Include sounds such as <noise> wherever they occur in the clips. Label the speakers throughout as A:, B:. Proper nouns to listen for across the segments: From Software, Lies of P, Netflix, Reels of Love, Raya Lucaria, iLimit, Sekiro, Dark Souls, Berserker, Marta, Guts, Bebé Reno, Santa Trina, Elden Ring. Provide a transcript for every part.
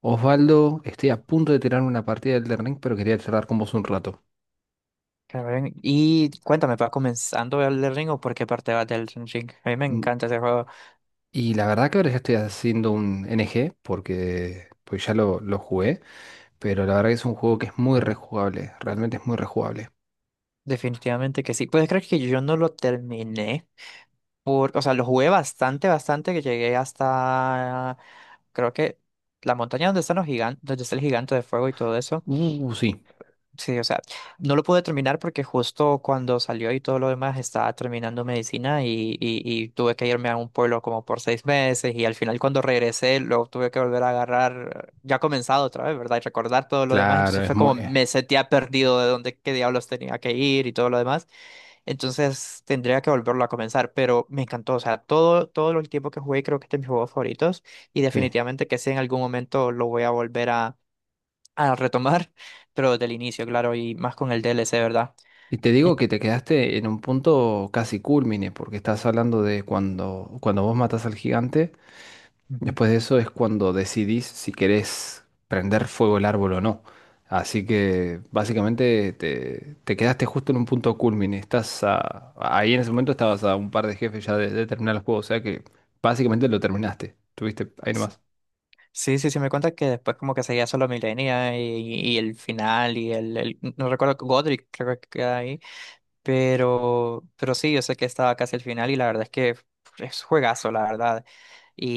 A: Osvaldo, estoy a punto de tirar una partida del Elden Ring, pero quería charlar con vos un rato.
B: Claro, ven. Y cuéntame, ¿va comenzando el del Ring o por qué parte vas del Ring? A mí me
A: Mm.
B: encanta ese juego,
A: Y la verdad que ahora ya estoy haciendo un NG porque pues ya lo jugué, pero la verdad que es un juego que es muy rejugable, realmente es muy rejugable.
B: definitivamente que sí. Puedes creer que yo no lo terminé, por, o sea, lo jugué bastante, bastante, que llegué hasta, creo que la montaña donde están los gigantes, donde está el gigante de fuego y todo eso.
A: Sí,
B: Sí, o sea, no lo pude terminar porque justo cuando salió y todo lo demás estaba terminando medicina y tuve que irme a un pueblo como por seis meses y al final cuando regresé lo tuve que volver a agarrar, ya comenzado otra vez, ¿verdad? Y recordar todo lo demás,
A: claro,
B: entonces
A: es
B: fue
A: muy...
B: como me sentía perdido de dónde, qué diablos tenía que ir y todo lo demás, entonces tendría que volverlo a comenzar, pero me encantó, o sea, todo, todo el tiempo que jugué creo que este es de mis juegos favoritos y
A: sí.
B: definitivamente que si en algún momento lo voy a volver a retomar, pero desde el inicio, claro, y más con el DLC, ¿verdad?
A: Y te
B: En-
A: digo que te quedaste en un punto casi culmine, porque estás hablando de cuando vos matas al gigante.
B: Ujú.
A: Después de eso es cuando decidís si querés prender fuego el árbol o no. Así que básicamente te quedaste justo en un punto culmine. Ahí en ese momento estabas a un par de jefes ya de terminar el juego. O sea que básicamente lo terminaste. Tuviste ahí nomás.
B: Sí, sí, sí, me cuenta que después como que seguía solo Milenia y el final y el no recuerdo, Godric creo que queda ahí, pero sí, yo sé que estaba casi el final y la verdad es que es juegazo, la verdad.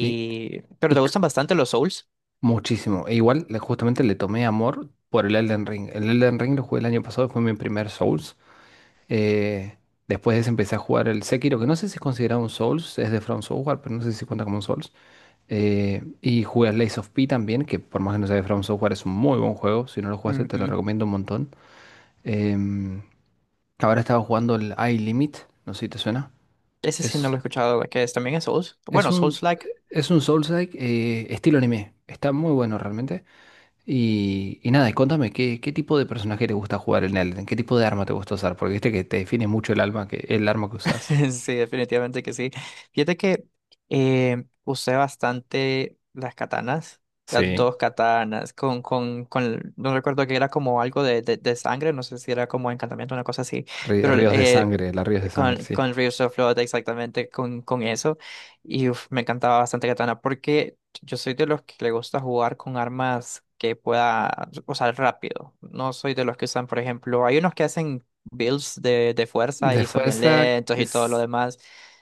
A: Y, y
B: pero te
A: c-
B: gustan bastante los Souls.
A: Muchísimo. Justamente le tomé amor por el Elden Ring. El Elden Ring lo jugué el año pasado, fue mi primer Souls. Eh, Después de ese empecé a jugar el Sekiro, que no sé si es considerado un Souls, es de From Software, pero no sé si cuenta como un Souls. Y jugué a Lies of P también, que por más que no sea de From Software es un muy buen juego. Si no lo jugaste, te lo
B: Ujú.
A: recomiendo un montón. Em, Ahora estaba jugando el iLimit, no sé si te suena.
B: Ese sí no lo he
A: Es,
B: escuchado, que es, también es Souls.
A: es
B: Bueno,
A: un,
B: Souls-like.
A: es un Souls-like estilo anime. Está muy bueno realmente. Y nada, y contame, ¿qué, qué tipo de personaje te gusta jugar en Elden? ¿Qué tipo de arma te gusta usar? Porque viste que te define mucho el alma que, el arma que usas.
B: <laughs> Sí, definitivamente que sí. Fíjate que usé bastante las katanas, las
A: Sí,
B: dos katanas, con, no recuerdo que era como algo de, de sangre, no sé si era como encantamiento, una cosa así, pero
A: ríos de sangre, las ríos de sangre, sí.
B: con Reels of Love, exactamente con eso. Y uf, me encantaba bastante Katana porque yo soy de los que le gusta jugar con armas que pueda usar rápido. No soy de los que usan, por ejemplo, hay unos que hacen builds de, fuerza
A: De
B: y son bien
A: fuerza,
B: lentos
A: que
B: y todo lo demás.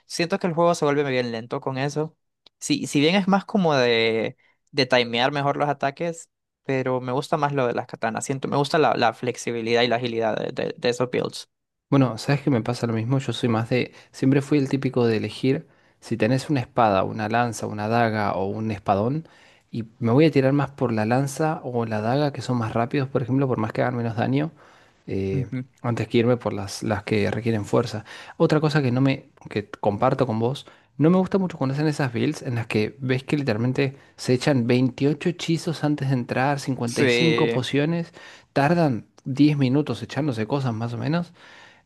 B: Siento que el juego se vuelve bien lento con eso. Si, si bien es más como de timear mejor los ataques, pero me gusta más lo de las katanas. Siento, me gusta la, la flexibilidad y la agilidad de, de esos builds.
A: bueno, ¿sabes que me pasa lo mismo? Yo soy más de... Siempre fui el típico de elegir si tenés una espada, una lanza, una daga o un espadón. Y me voy a tirar más por la lanza o la daga, que son más rápidos, por ejemplo, por más que hagan menos daño, eh,
B: Ujú.
A: antes que irme por las que requieren fuerza. Otra cosa que no me... que comparto con vos, no me gusta mucho cuando hacen esas builds en las que ves que literalmente se echan 28 hechizos antes de entrar, 55
B: Sí.
A: pociones, tardan 10 minutos echándose cosas más o menos.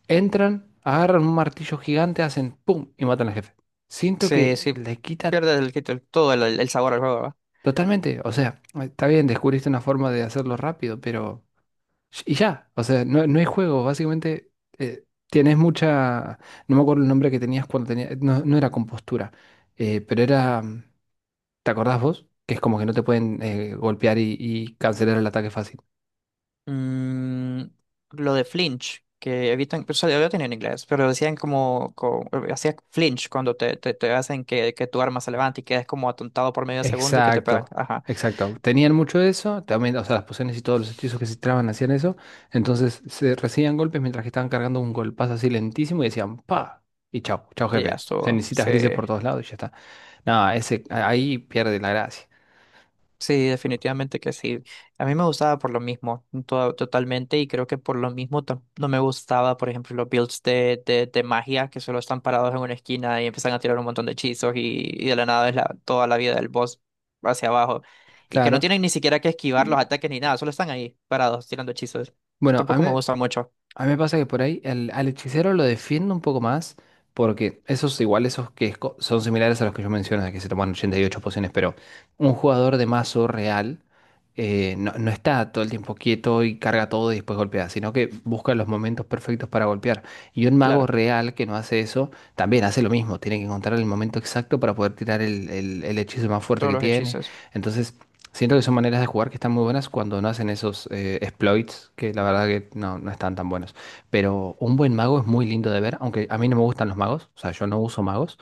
A: Entran, agarran un martillo gigante, hacen ¡pum! Y matan al jefe. Siento
B: Sí,
A: que
B: sí,
A: le quita
B: pierdes el, todo el sabor al juego, ¿verdad?
A: totalmente. O sea, está bien, descubriste una forma de hacerlo rápido, pero... Y ya, o sea, no, no hay juego. Básicamente, tienes mucha... No me acuerdo el nombre que tenías cuando tenías... No, no era compostura, pero era... ¿Te acordás vos? Que es como que no te pueden golpear y cancelar el ataque fácil.
B: Mm, lo de flinch, que evitan, pues, yo lo tenía en inglés, pero decían como, hacías flinch cuando te, te hacen que tu arma se levante y quedes como atontado por medio segundo y que te pegan.
A: Exacto,
B: Ajá,
A: exacto. Tenían mucho de eso, también, o sea, las pociones y todos los hechizos que se tiraban hacían eso. Entonces se recibían golpes mientras que estaban cargando un golpazo así lentísimo y decían ¡pa! Y chao, chao
B: y ya
A: jefe.
B: estuvo,
A: Cenicitas
B: sí.
A: grises por todos lados y ya está. No, ese, ahí pierde la gracia.
B: Sí, definitivamente que sí. A mí me gustaba por lo mismo, totalmente, y creo que por lo mismo no me gustaba, por ejemplo, los builds de, de magia que solo están parados en una esquina y empiezan a tirar un montón de hechizos y de la nada es la, toda la vida del boss hacia abajo y que no
A: Claro.
B: tienen ni siquiera que esquivar
A: Mm.
B: los ataques ni nada, solo están ahí parados tirando hechizos.
A: Bueno, a
B: Tampoco
A: mí,
B: me gusta mucho,
A: a mí me pasa que por ahí al hechicero lo defiendo un poco más, porque esos igual, esos que son similares a los que yo menciono, de que se toman 88 pociones, pero un jugador de mazo real no, no está todo el tiempo quieto y carga todo y después golpea, sino que busca los momentos perfectos para golpear. Y un mago
B: claro,
A: real que no hace eso, también hace lo mismo, tiene que encontrar el momento exacto para poder tirar el el hechizo más fuerte
B: todos
A: que
B: los
A: tiene.
B: hechizos.
A: Entonces... Siento que son maneras de jugar que están muy buenas cuando no hacen esos exploits, que la verdad que no, no están tan buenos. Pero un buen mago es muy lindo de ver, aunque a mí no me gustan los magos, o sea, yo no uso magos,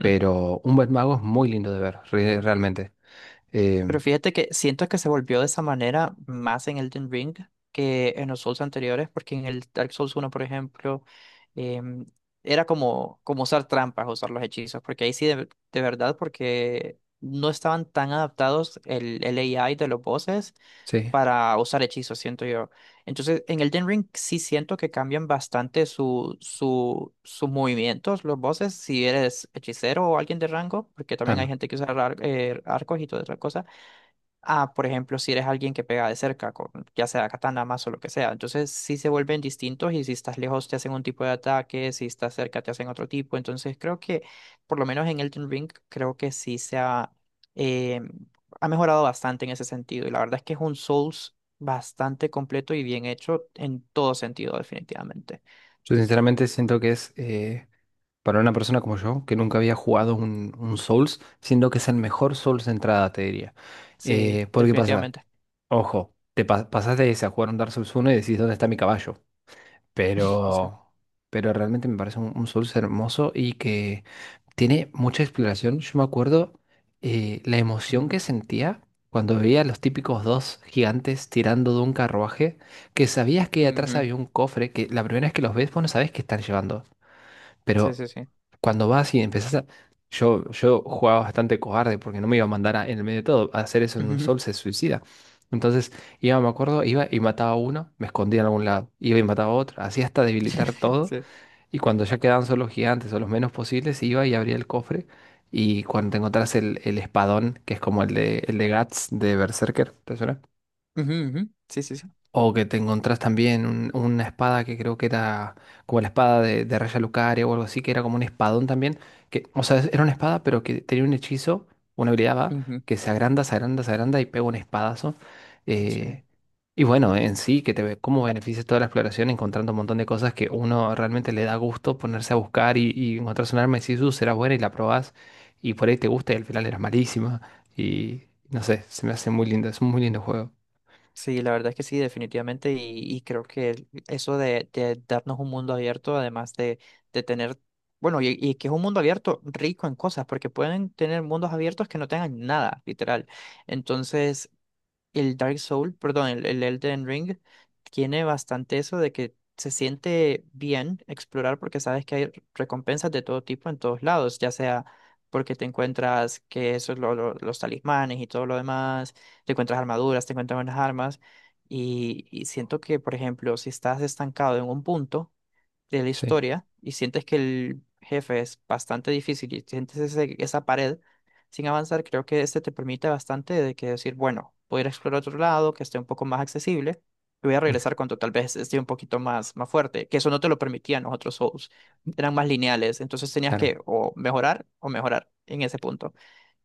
A: pero un buen mago es muy lindo de ver, realmente. Eh,
B: Pero fíjate que siento que se volvió de esa manera más en Elden Ring que en los Souls anteriores, porque en el Dark Souls uno por ejemplo, em, era como, como usar trampas, usar los hechizos, porque ahí sí, de verdad, porque no estaban tan adaptados el AI de los bosses
A: sí,
B: para usar hechizos, siento yo. Entonces, en Elden Ring sí siento que cambian bastante su, su, sus movimientos, los bosses, si eres hechicero o alguien de rango, porque también hay
A: claro.
B: gente que usa arcos y toda esa cosa a, por ejemplo, si eres alguien que pega de cerca, con, ya sea katana, mazo, lo que sea. Entonces sí se vuelven distintos y si estás lejos te hacen un tipo de ataque, si estás cerca te hacen otro tipo. Entonces creo que, por lo menos en Elden Ring, creo que sí se ha, eh, ha mejorado bastante en ese sentido. Y la verdad es que es un Souls bastante completo y bien hecho en todo sentido, definitivamente.
A: Yo sinceramente siento que es, para una persona como yo, que nunca había jugado un Souls, siento que es el mejor Souls de entrada, te diría.
B: Sí,
A: ¿Por qué pasa?
B: definitivamente.
A: Ojo, pasás de ese a jugar un Dark Souls uno y decís, ¿dónde está mi caballo?
B: <laughs> Sí.
A: Pero, pero realmente me parece un Souls hermoso y que tiene mucha exploración. Yo me acuerdo la emoción
B: Ujú.
A: que sentía cuando veía a los típicos dos gigantes tirando de un carruaje, que sabías que atrás
B: Ujú.
A: había un cofre, que la primera vez que los ves, vos no sabés qué están llevando.
B: Sí,
A: Pero
B: sí, sí.
A: cuando vas y empezás a... Yo jugaba bastante cobarde porque no me iba a mandar en el medio de todo. A hacer eso en un
B: Ujú.
A: sol se suicida. Entonces, iba, me acuerdo, iba y mataba a uno, me escondía en algún lado. Iba y mataba a otro, así hasta debilitar
B: <laughs>
A: todo.
B: Sí.
A: Y cuando ya quedaban solo los gigantes o los menos posibles, iba y abría el cofre. Y cuando te encontrás el espadón, que es como el de Guts de Berserker, ¿te suena?
B: Ujú, ujú. Sí, sí, sí.
A: O que te encontrás también una espada que creo que era como la espada de Raya Lucaria o algo así, que era como un espadón también. Que, o sea, era una espada, pero que tenía un hechizo, una habilidad va,
B: Ujú.
A: que se agranda, se agranda, se agranda y pega un espadazo.
B: Sí.
A: Eh, y bueno, en sí, que te ve cómo beneficia toda la exploración encontrando un montón de cosas que uno realmente le da gusto ponerse a buscar y encontrás un arma y decís, será buena y la probás. Y por ahí te gusta y al final eras malísima. Y no sé, se me hace muy lindo, es un muy lindo juego.
B: Sí, la verdad es que sí, definitivamente, y creo que el- eso de, darnos un mundo abierto, además de tener, bueno, y que es un mundo abierto rico en cosas, porque pueden tener mundos abiertos que no tengan nada, literal. Entonces, el Dark Soul, perdón, el Elden Ring, tiene bastante eso de que se siente bien explorar porque sabes que hay recompensas de todo tipo en todos lados, ya sea porque te encuentras que eso es los talismanes y todo lo demás, te encuentras armaduras, te encuentras buenas armas, y siento que, por ejemplo, si estás estancado en un punto, de la
A: Sí.
B: historia y sientes que el jefe es bastante difícil y sientes esa pared sin avanzar, creo que este te permite bastante de que decir, bueno, voy a ir a explorar otro lado que esté un poco más accesible y voy a regresar cuando tal vez esté un poquito más, más fuerte, que eso no te lo permitían los otros Souls, eran más lineales, entonces tenías
A: Claro.
B: que o mejorar en ese punto.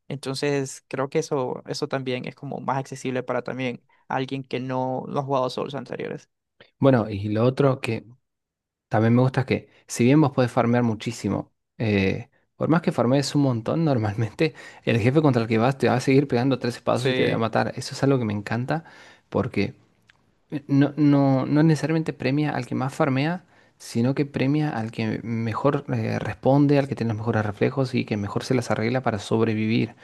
B: Entonces creo que eso también es como más accesible para también alguien que no, no ha jugado Souls anteriores.
A: Bueno, y lo otro que también me gusta es que, si bien vos podés farmear muchísimo, por más que farmees un montón, <laughs> normalmente el jefe contra el que vas te va a seguir pegando tres espadas y te va a
B: Sí.
A: matar. Eso es algo que me encanta porque no, no, no necesariamente premia al que más farmea, sino que premia al que mejor responde, al que tiene los mejores reflejos y que mejor se las arregla para sobrevivir.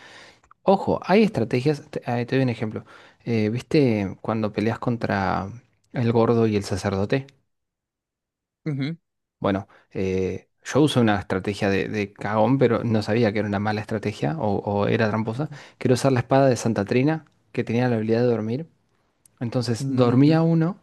A: Ojo, hay estrategias, te doy un ejemplo. ¿Viste cuando peleas contra el gordo y el sacerdote?
B: Ujú.
A: Bueno, yo usé una estrategia de cagón, pero no sabía que era una mala estrategia o era tramposa.
B: Ujú.
A: Quiero usar la espada de Santa Trina, que tenía la habilidad de dormir. Entonces
B: Ujú.
A: dormía uno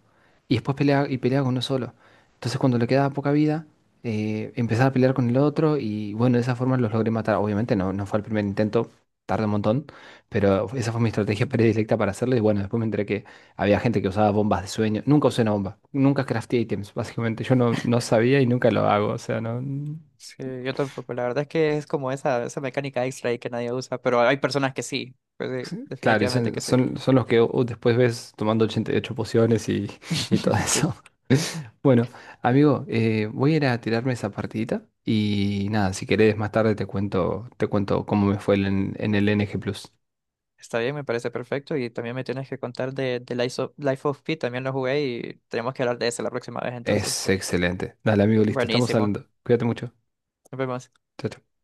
A: y después peleaba, y peleaba con uno solo. Entonces cuando le quedaba poca vida, empezaba a pelear con el otro y bueno, de esa forma los logré matar. Obviamente no, no fue el primer intento, tardé un montón, pero esa fue mi estrategia <laughs> predilecta para hacerlo y bueno, después me enteré que había gente que usaba bombas de sueño. Nunca usé una bomba, nunca crafté ítems, básicamente. Yo no, no sabía y nunca lo hago, o sea, no...
B: Sí, yo tampoco. La verdad es que es como esa mecánica extra ahí que nadie usa, pero hay personas que sí. Pues sí,
A: Sí, claro, y
B: definitivamente que sí.
A: son los que después ves tomando 88 pociones y todo
B: <laughs> Sí,
A: eso. Bueno, amigo, voy a ir a tirarme esa partidita y nada, si querés más tarde te cuento cómo me fue en el NG+.
B: está bien, me parece perfecto. Y también me tienes que contar de Life of, Pi, también lo jugué y tenemos que hablar de eso la próxima vez entonces.
A: Es excelente. Dale, amigo, listo, estamos
B: Buenísimo.
A: hablando. Cuídate mucho.
B: Nos vemos.
A: Chao, chao.